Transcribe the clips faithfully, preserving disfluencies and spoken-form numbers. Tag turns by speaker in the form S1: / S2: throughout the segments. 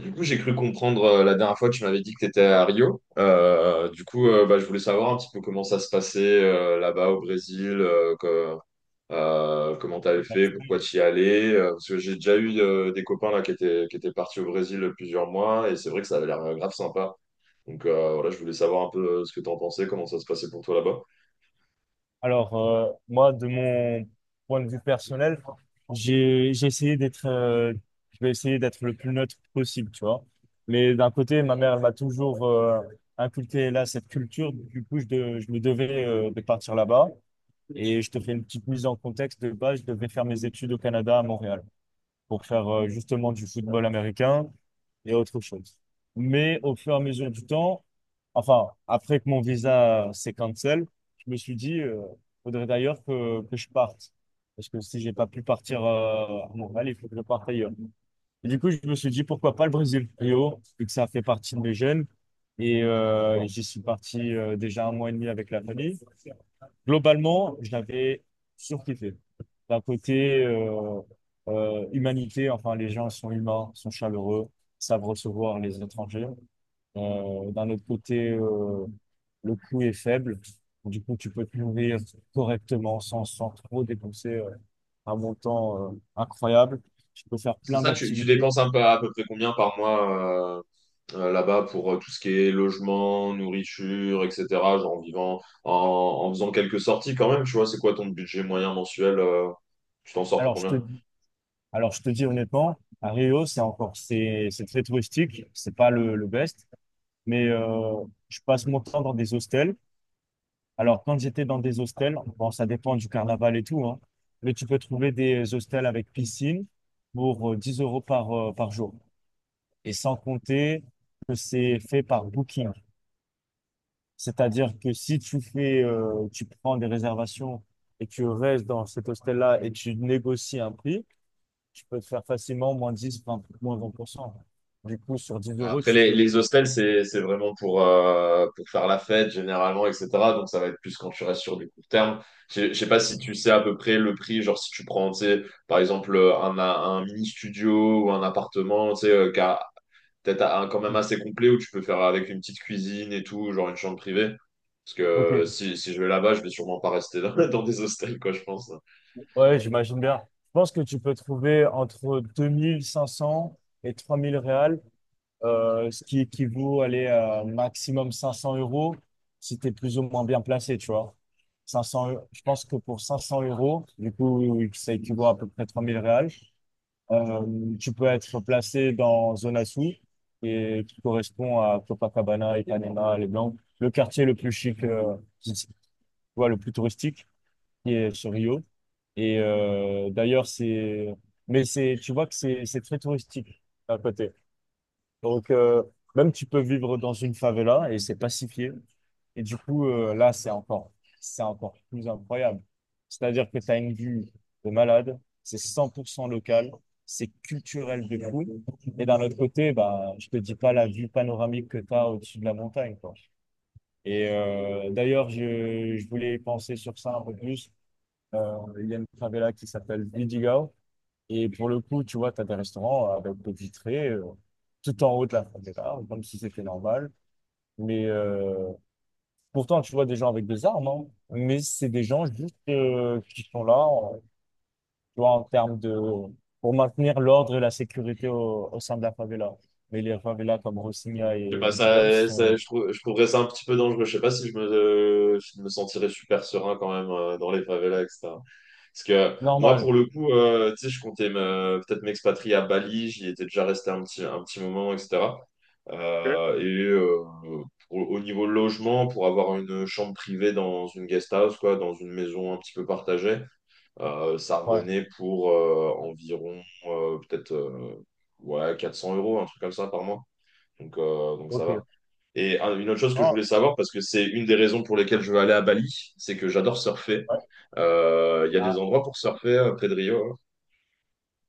S1: Du coup, j'ai cru comprendre euh, la dernière fois, tu m'avais dit que tu étais à Rio. Euh, du coup, euh, bah, je voulais savoir un petit peu comment ça se passait euh, là-bas au Brésil, euh, que- euh, comment tu avais fait, pourquoi tu y allais. Euh, parce que j'ai déjà eu euh, des copains là, qui étaient, qui étaient partis au Brésil plusieurs mois, et c'est vrai que ça avait l'air euh, grave sympa. Donc euh, voilà, je voulais savoir un peu euh, ce que tu en pensais, comment ça se passait pour toi là-bas.
S2: Alors, euh, moi, de mon point de vue personnel, j'ai, j'ai essayé d'être, euh, je vais essayer d'être le plus neutre possible, tu vois. Mais d'un côté, ma mère, elle m'a toujours euh, inculqué là cette culture. Du coup, je, de- je me devais euh, de partir là-bas. Et je te fais une petite mise en contexte. De base, je devais faire mes études au Canada, à Montréal, pour faire euh, justement du football américain. et autre chose. Mais au fur et à mesure du temps, enfin, après que mon visa s'est cancel, je me suis dit, euh, faudrait d'ailleurs que, que je parte. Parce que si j'ai pas pu partir euh, à Montréal, il faut que je parte ailleurs. Et du coup, je me suis dit, pourquoi pas le Brésil, Rio, vu que ça fait partie de mes jeunes. Et euh, j'y suis parti euh, déjà un mois et demi avec la famille. Globalement, je l'avais surkiffé. D'un côté, euh, euh, humanité, enfin, les gens sont humains, sont chaleureux, savent recevoir les étrangers. Euh, d'un autre côté, euh, le coût est faible. Du coup, tu peux te nourrir correctement sans, sans trop dépenser euh, un montant euh, incroyable. Tu peux faire
S1: C'est
S2: plein
S1: ça, tu, tu
S2: d'activités.
S1: dépenses un peu, à peu près combien par mois euh, euh, là-bas pour euh, tout ce qui est logement, nourriture, et cetera. Genre en vivant, en, en faisant quelques sorties quand même, tu vois, c'est quoi ton budget moyen mensuel? Euh, tu t'en sors pour
S2: Alors, je te,
S1: combien?
S2: alors, je te dis honnêtement, à Rio, c'est encore, c'est, c'est très touristique. C'est pas le, le best. Mais euh, je passe mon temps dans des hostels. Alors, quand j'étais dans des hostels, bon, ça dépend du carnaval et tout, hein, mais tu peux trouver des hostels avec piscine pour euh, dix euros par, euh, par jour. Et sans compter que c'est fait par Booking. C'est-à-dire que si tu fais, euh, tu prends des réservations et tu restes dans cet hostel-là et tu négocies un prix, tu peux te faire facilement moins dix, vingt moins vingt pour cent. Du coup, sur dix euros,
S1: Après,
S2: tu
S1: les,
S2: fais...
S1: les hostels, c'est, c'est vraiment pour, euh, pour faire la fête généralement, et cetera. Donc ça va être plus quand tu restes sur du court terme. Je je sais pas si tu sais à peu près le prix, genre si tu prends, tu sais, par exemple, un, un mini studio ou un appartement, tu sais, euh, qu'à peut-être un- quand même assez complet où tu peux faire avec une petite cuisine et tout, genre une chambre privée. Parce
S2: Ok.
S1: que si, si je vais là-bas, je vais sûrement pas rester dans, dans des hostels, quoi, je pense.
S2: Ouais, j'imagine bien. Je pense que tu peux trouver entre deux mille cinq cents et trois mille réals, euh, ce qui équivaut aller à maximum cinq cents euros si tu es plus ou moins bien placé, tu vois. 500, eu- Je pense que pour cinq cents euros, du coup, ça équivaut à peu près trois mille réals. Euh, tu peux être placé dans Zona Sul, et qui correspond à Copacabana, Ipanema, Les Blancs, le quartier le plus chic, euh, qui- tu vois, le plus touristique, qui est sur Rio. Et euh, d'ailleurs, c'est. Mais c'est, tu vois que c'est c'est très touristique à côté. Donc, euh, même tu peux vivre dans une favela et c'est pacifié. Et du coup, euh, là, c'est encore, c'est encore plus incroyable. C'est-à-dire que tu as une vue de malade, c'est cent pour cent local, c'est culturel de fou. Et d'un autre côté, bah, je te dis pas la vue panoramique que tu as au-dessus de la montagne, quoi. Et euh, d'ailleurs, je, je voulais penser sur ça un peu plus. Euh, il y a une favela qui s'appelle Vidigal. Et pour le coup, tu vois, tu as des restaurants avec des vitrées euh, tout en haut de la favela, comme si c'était normal. Mais euh, pourtant, tu vois des gens avec des armes, hein. Mais c'est des gens juste euh, qui sont là, en- tu vois, en termes de... pour maintenir l'ordre et la sécurité au, au sein de la favela. Mais les favelas comme Rocinha
S1: Je sais
S2: et
S1: pas,
S2: Vidigal
S1: ça, ça-
S2: sont
S1: je trou- je trouverais ça un petit peu dangereux. Je sais pas si je me, si je me sentirais super serein quand même euh, dans les favelas, et cetera. Parce que moi,
S2: normales.
S1: pour le coup, euh, tu sais, je comptais me- peut-être m'expatrier à Bali. J'y étais déjà resté un petit, un petit moment, et cetera. Euh, et euh, pour- Au niveau logement, pour avoir une chambre privée dans une guest house, quoi, dans une maison un petit peu partagée, euh, ça
S2: Ouais,
S1: revenait pour euh, environ euh, peut-être euh, ouais, quatre cents euros, un truc comme ça par mois. Donc, euh, donc ça
S2: ok.
S1: va. Et un- une autre chose que je
S2: Ah,
S1: voulais savoir, parce que c'est une des raisons pour lesquelles je veux aller à Bali, c'est que j'adore surfer.
S2: ouais.
S1: Euh, Il y a
S2: Ah,
S1: des endroits pour surfer euh, près de Rio.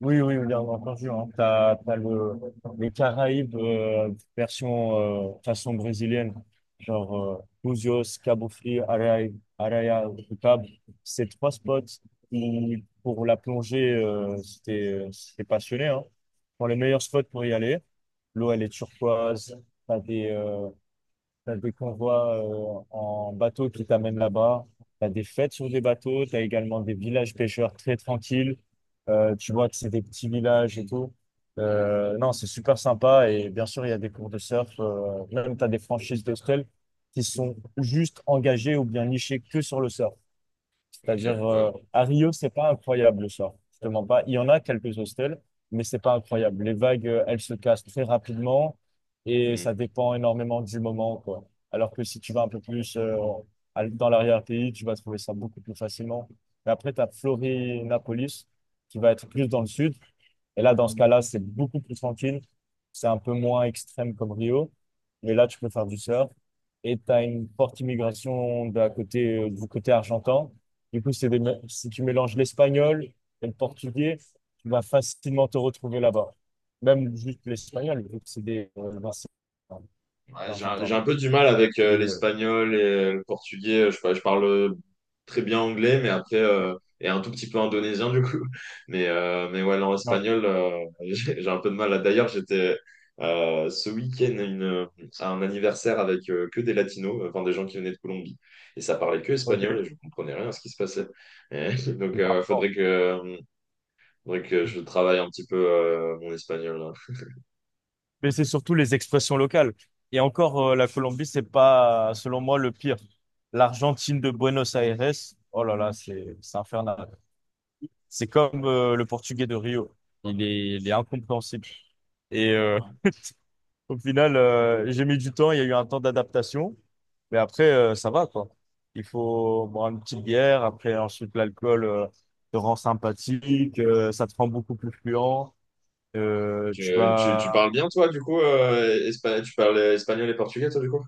S2: oui, oui, bien entendu. Hein. T'as, t'as le, les Caraïbes euh, version euh, façon brésilienne, genre euh, Búzios, Cabo Frio, Araia, Araia do Cabo. Ces trois spots où, pour la plongée, euh, si t'es si t'es passionné, hein, sont les meilleurs spots pour y aller. L'eau, elle est turquoise. T'as des, euh, T'as des convois euh, en bateau qui t'amènent là-bas. T'as des fêtes sur des bateaux. T'as également des villages pêcheurs très tranquilles. Euh, tu vois que c'est des petits villages et tout. Euh, non, c'est super sympa. Et bien sûr, il y a des cours de surf. euh, même t'as des franchises d'hôtels qui sont juste engagées ou bien nichées que sur le surf.
S1: Hein.
S2: C'est-à-dire,
S1: Ok.
S2: euh, à Rio, c'est pas incroyable le soir. Je te mens pas. Il y en a quelques hostels, mais c'est pas incroyable. Les vagues, euh, elles se cassent très rapidement et ça
S1: Ouais.
S2: dépend énormément du moment, quoi. Alors que si tu vas un peu plus euh, à- dans l'arrière-pays, tu vas trouver ça beaucoup plus facilement. Mais après, tu as Florianópolis, qui va être plus dans le sud. Et là, dans ce cas-là, c'est beaucoup plus tranquille. C'est un peu moins extrême comme Rio. Mais là, tu peux faire du surf. Et tu as une forte immigration de la côté, euh, du côté argentin. Du coup, c'est des mé- si tu mélanges l'espagnol et le portugais, tu vas facilement te retrouver là-bas. Même juste l'espagnol, vu que c'est des euh, ben, euh,
S1: Ouais, j'ai un,
S2: l'argentin.
S1: j'ai un peu du mal avec euh,
S2: Et euh,
S1: l'espagnol et euh, le portugais. Je, sais je parle euh, très bien anglais, mais après, euh, et un tout petit peu indonésien du coup. Mais, euh, mais ouais, non,
S2: ouais,
S1: espagnol, euh, j'ai j'ai un peu de mal. D'ailleurs, j'étais euh, ce week-end à, une- euh, à un anniversaire avec euh, que des latinos, euh, enfin des gens qui venaient de Colombie. Et ça parlait que espagnol et
S2: ok.
S1: je comprenais rien à ce qui se passait. Et donc, euh, ouais, faudrait que, euh, faudrait que je travaille un petit peu euh, mon espagnol là.
S2: Mais c'est surtout les expressions locales. Et encore, euh, la Colombie, c'est pas, selon moi, le pire. L'Argentine de Buenos Aires, oh là là, c'est, c'est infernal. C'est comme euh, le portugais de Rio. Il est, il est incompréhensible. Et euh, au final, euh, j'ai mis du temps, il y a eu un temps d'adaptation, mais après, euh, ça va, quoi. Il faut boire une petite bière, après, ensuite, l'alcool euh, te rend sympathique, euh, ça te rend beaucoup plus fluent. Euh, tu
S1: Tu, tu, tu
S2: vas
S1: parles bien, toi, du coup, euh, espa- tu parles espagnol et portugais, toi, du coup?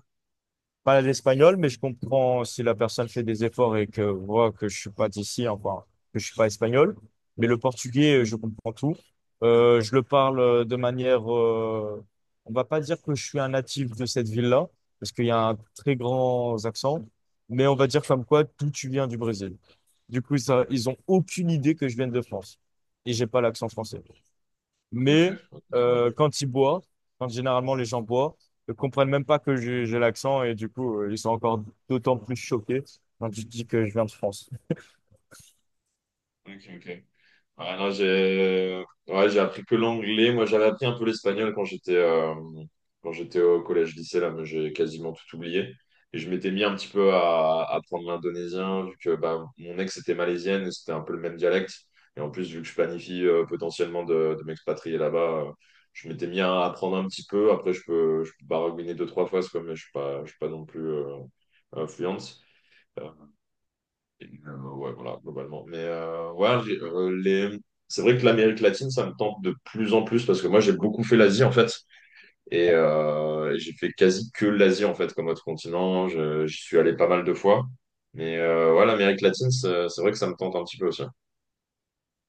S2: pas l'espagnol, mais je comprends si la personne fait des efforts et que voit que je suis pas d'ici, enfin, que je suis pas espagnol. Mais le portugais, euh, je comprends tout. Euh, je le parle euh, de manière, euh, on va pas dire que je suis un natif de cette ville-là, parce qu'il y a un très grand accent, mais on va dire comme quoi tout tu viens du Brésil. Du coup, ça, ils ont aucune idée que je viens de France et j'ai pas l'accent français.
S1: Ok,
S2: Mais
S1: je crois que ça.
S2: euh, quand ils boivent, quand généralement les gens boivent, ils comprennent même pas que j'ai j'ai l'accent et du coup, euh, ils sont encore d'autant plus choqués quand je dis que je viens de France. Je
S1: Ok, ok. Ouais, non, j'ai Ouais, j'ai appris que l'anglais. Moi, j'avais appris un peu l'espagnol quand j'étais euh, quand j'étais au collège lycée là, mais j'ai quasiment tout oublié. Et je m'étais mis un petit peu à à apprendre l'indonésien vu que bah, mon ex était malaisienne et c'était un peu le même dialecte. Et en plus, vu que je planifie euh, potentiellement de, de m'expatrier là-bas, euh, je m'étais mis à apprendre un petit peu. Après, je peux je peux baragouiner deux trois fois, c'est quoi, mais je suis pas je suis pas non plus euh, euh, fluente. Euh, et, euh, ouais, voilà, globalement. Mais euh, ouais, j'ai, euh, les... c'est vrai que l'Amérique latine, ça me tente de plus en plus parce que moi, j'ai beaucoup fait l'Asie, en fait. Et euh, j'ai fait quasi que l'Asie, en fait, comme autre continent. Je- J'y suis allé pas mal de fois. Mais euh, ouais, l'Amérique latine, c'est c'est vrai que ça me tente un petit peu aussi.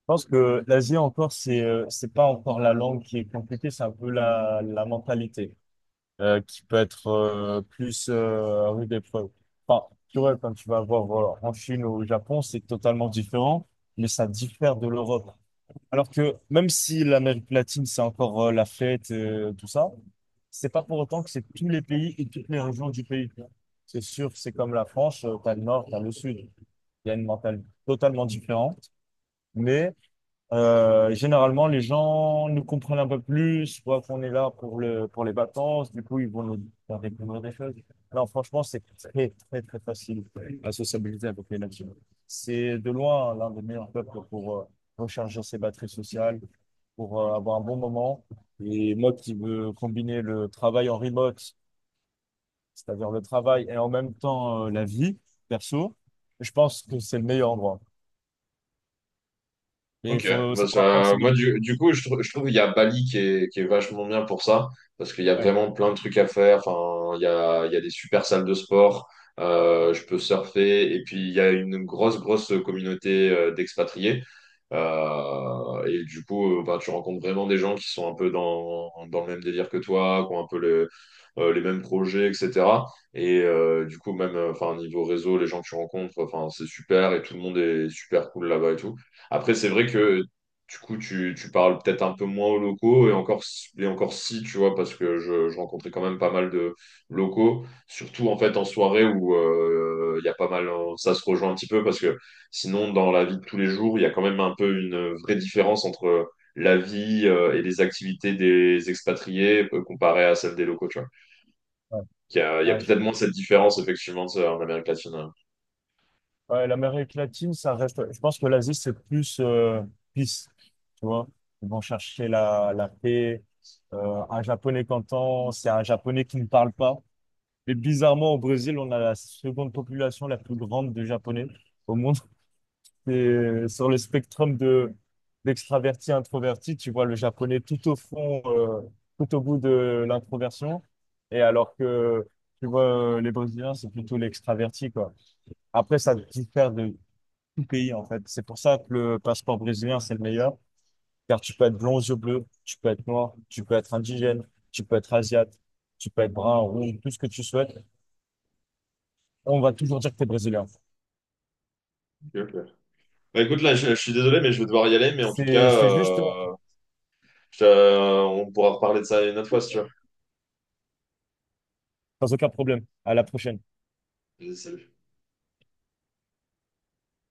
S2: pense que l'Asie encore, c'est euh, c'est pas encore la langue qui est compliquée, c'est un peu la, la mentalité euh, qui peut être euh, plus euh, rude épreuve. Enfin, tu vois, quand tu vas voir voilà, en Chine ou au Japon, c'est totalement différent, mais ça diffère de l'Europe. Alors que même si l'Amérique latine, c'est encore euh, la fête, euh, tout ça, c'est pas pour autant que c'est tous les pays et toutes les régions du pays. C'est sûr, c'est comme la France, euh, t'as le nord, t'as le sud. Il y a une mentalité totalement différente, mais euh, généralement, les gens nous comprennent un peu plus, voient qu'on est là pour le, pour les vacances, du coup, ils vont nous faire découvrir des choses. Non, franchement, c'est très, très, très facile à sociabiliser avec les nations. C'est de loin l'un des meilleurs peuples pour euh, recharger ses batteries sociales, pour euh, avoir un bon moment. Et moi qui veux combiner le travail en remote, c'est-à-dire le travail et en même temps euh, la vie perso, je pense que c'est le meilleur endroit. Et il
S1: Ok,
S2: faut
S1: bah
S2: savoir prendre
S1: ça-
S2: ses
S1: moi
S2: limites.
S1: du, du coup je, trou- je trouve qu'il y a Bali qui est, qui est vachement bien pour ça, parce qu'il y a
S2: Ouais,
S1: vraiment plein de trucs à faire, enfin, il y a, il y a des super salles de sport, euh, je peux surfer, et puis il y a une grosse, grosse communauté euh, d'expatriés. Euh, et du coup euh, bah, tu rencontres vraiment des gens qui sont un peu dans, dans le même délire que toi, qui ont un peu le- euh, les mêmes projets, et cetera. Et euh, du coup même, euh, enfin, niveau réseau, les gens que tu rencontres, enfin, c'est super, et tout le monde est super cool là-bas et tout. Après, c'est vrai que du coup, tu, tu parles peut-être un peu moins aux locaux, et encore, s- et encore si, tu vois, parce que je, je rencontrais quand même pas mal de locaux, surtout en fait en soirée où euh, il y a pas mal, hein, ça se rejoint un petit peu, parce que sinon, dans la vie de tous les jours, il y a quand même un peu une vraie différence entre la vie euh, et les activités des expatriés euh, comparée à celle des locaux, tu vois.
S2: ouais.
S1: Il y a, il y a
S2: Ouais,
S1: peut-être moins cette différence, effectivement, ça, en Amérique latine. Hein.
S2: ouais, l'Amérique latine, ça reste. Je pense que l'Asie, c'est plus euh, peace, tu vois. Ils vont chercher la, la paix. Euh, un Japonais qu'entend, c'est un Japonais qui ne parle pas. Mais bizarrement, au Brésil, on a la seconde population la plus grande de Japonais au monde. Et sur le spectre de d'extraverti introverti, tu vois le Japonais tout au fond, euh, tout au bout de l'introversion. Et alors que, tu vois, les Brésiliens, c'est plutôt l'extraverti, quoi. Après, ça diffère de tout pays en fait. C'est pour ça que le passeport brésilien, c'est le meilleur, car tu peux être blond aux yeux bleus, tu peux être noir, tu peux être indigène, tu peux être asiate, tu peux être brun, rouge, tout ce que tu souhaites. On va toujours dire que tu es brésilien.
S1: Ok, ok. Bah écoute, là, je, je suis désolé, mais je vais devoir y aller, mais en tout
S2: C'est,
S1: cas...
S2: c'est juste,
S1: euh, Je te- on pourra reparler de ça une autre fois si tu veux.
S2: sans aucun problème. À la prochaine.
S1: Vas-y, salut.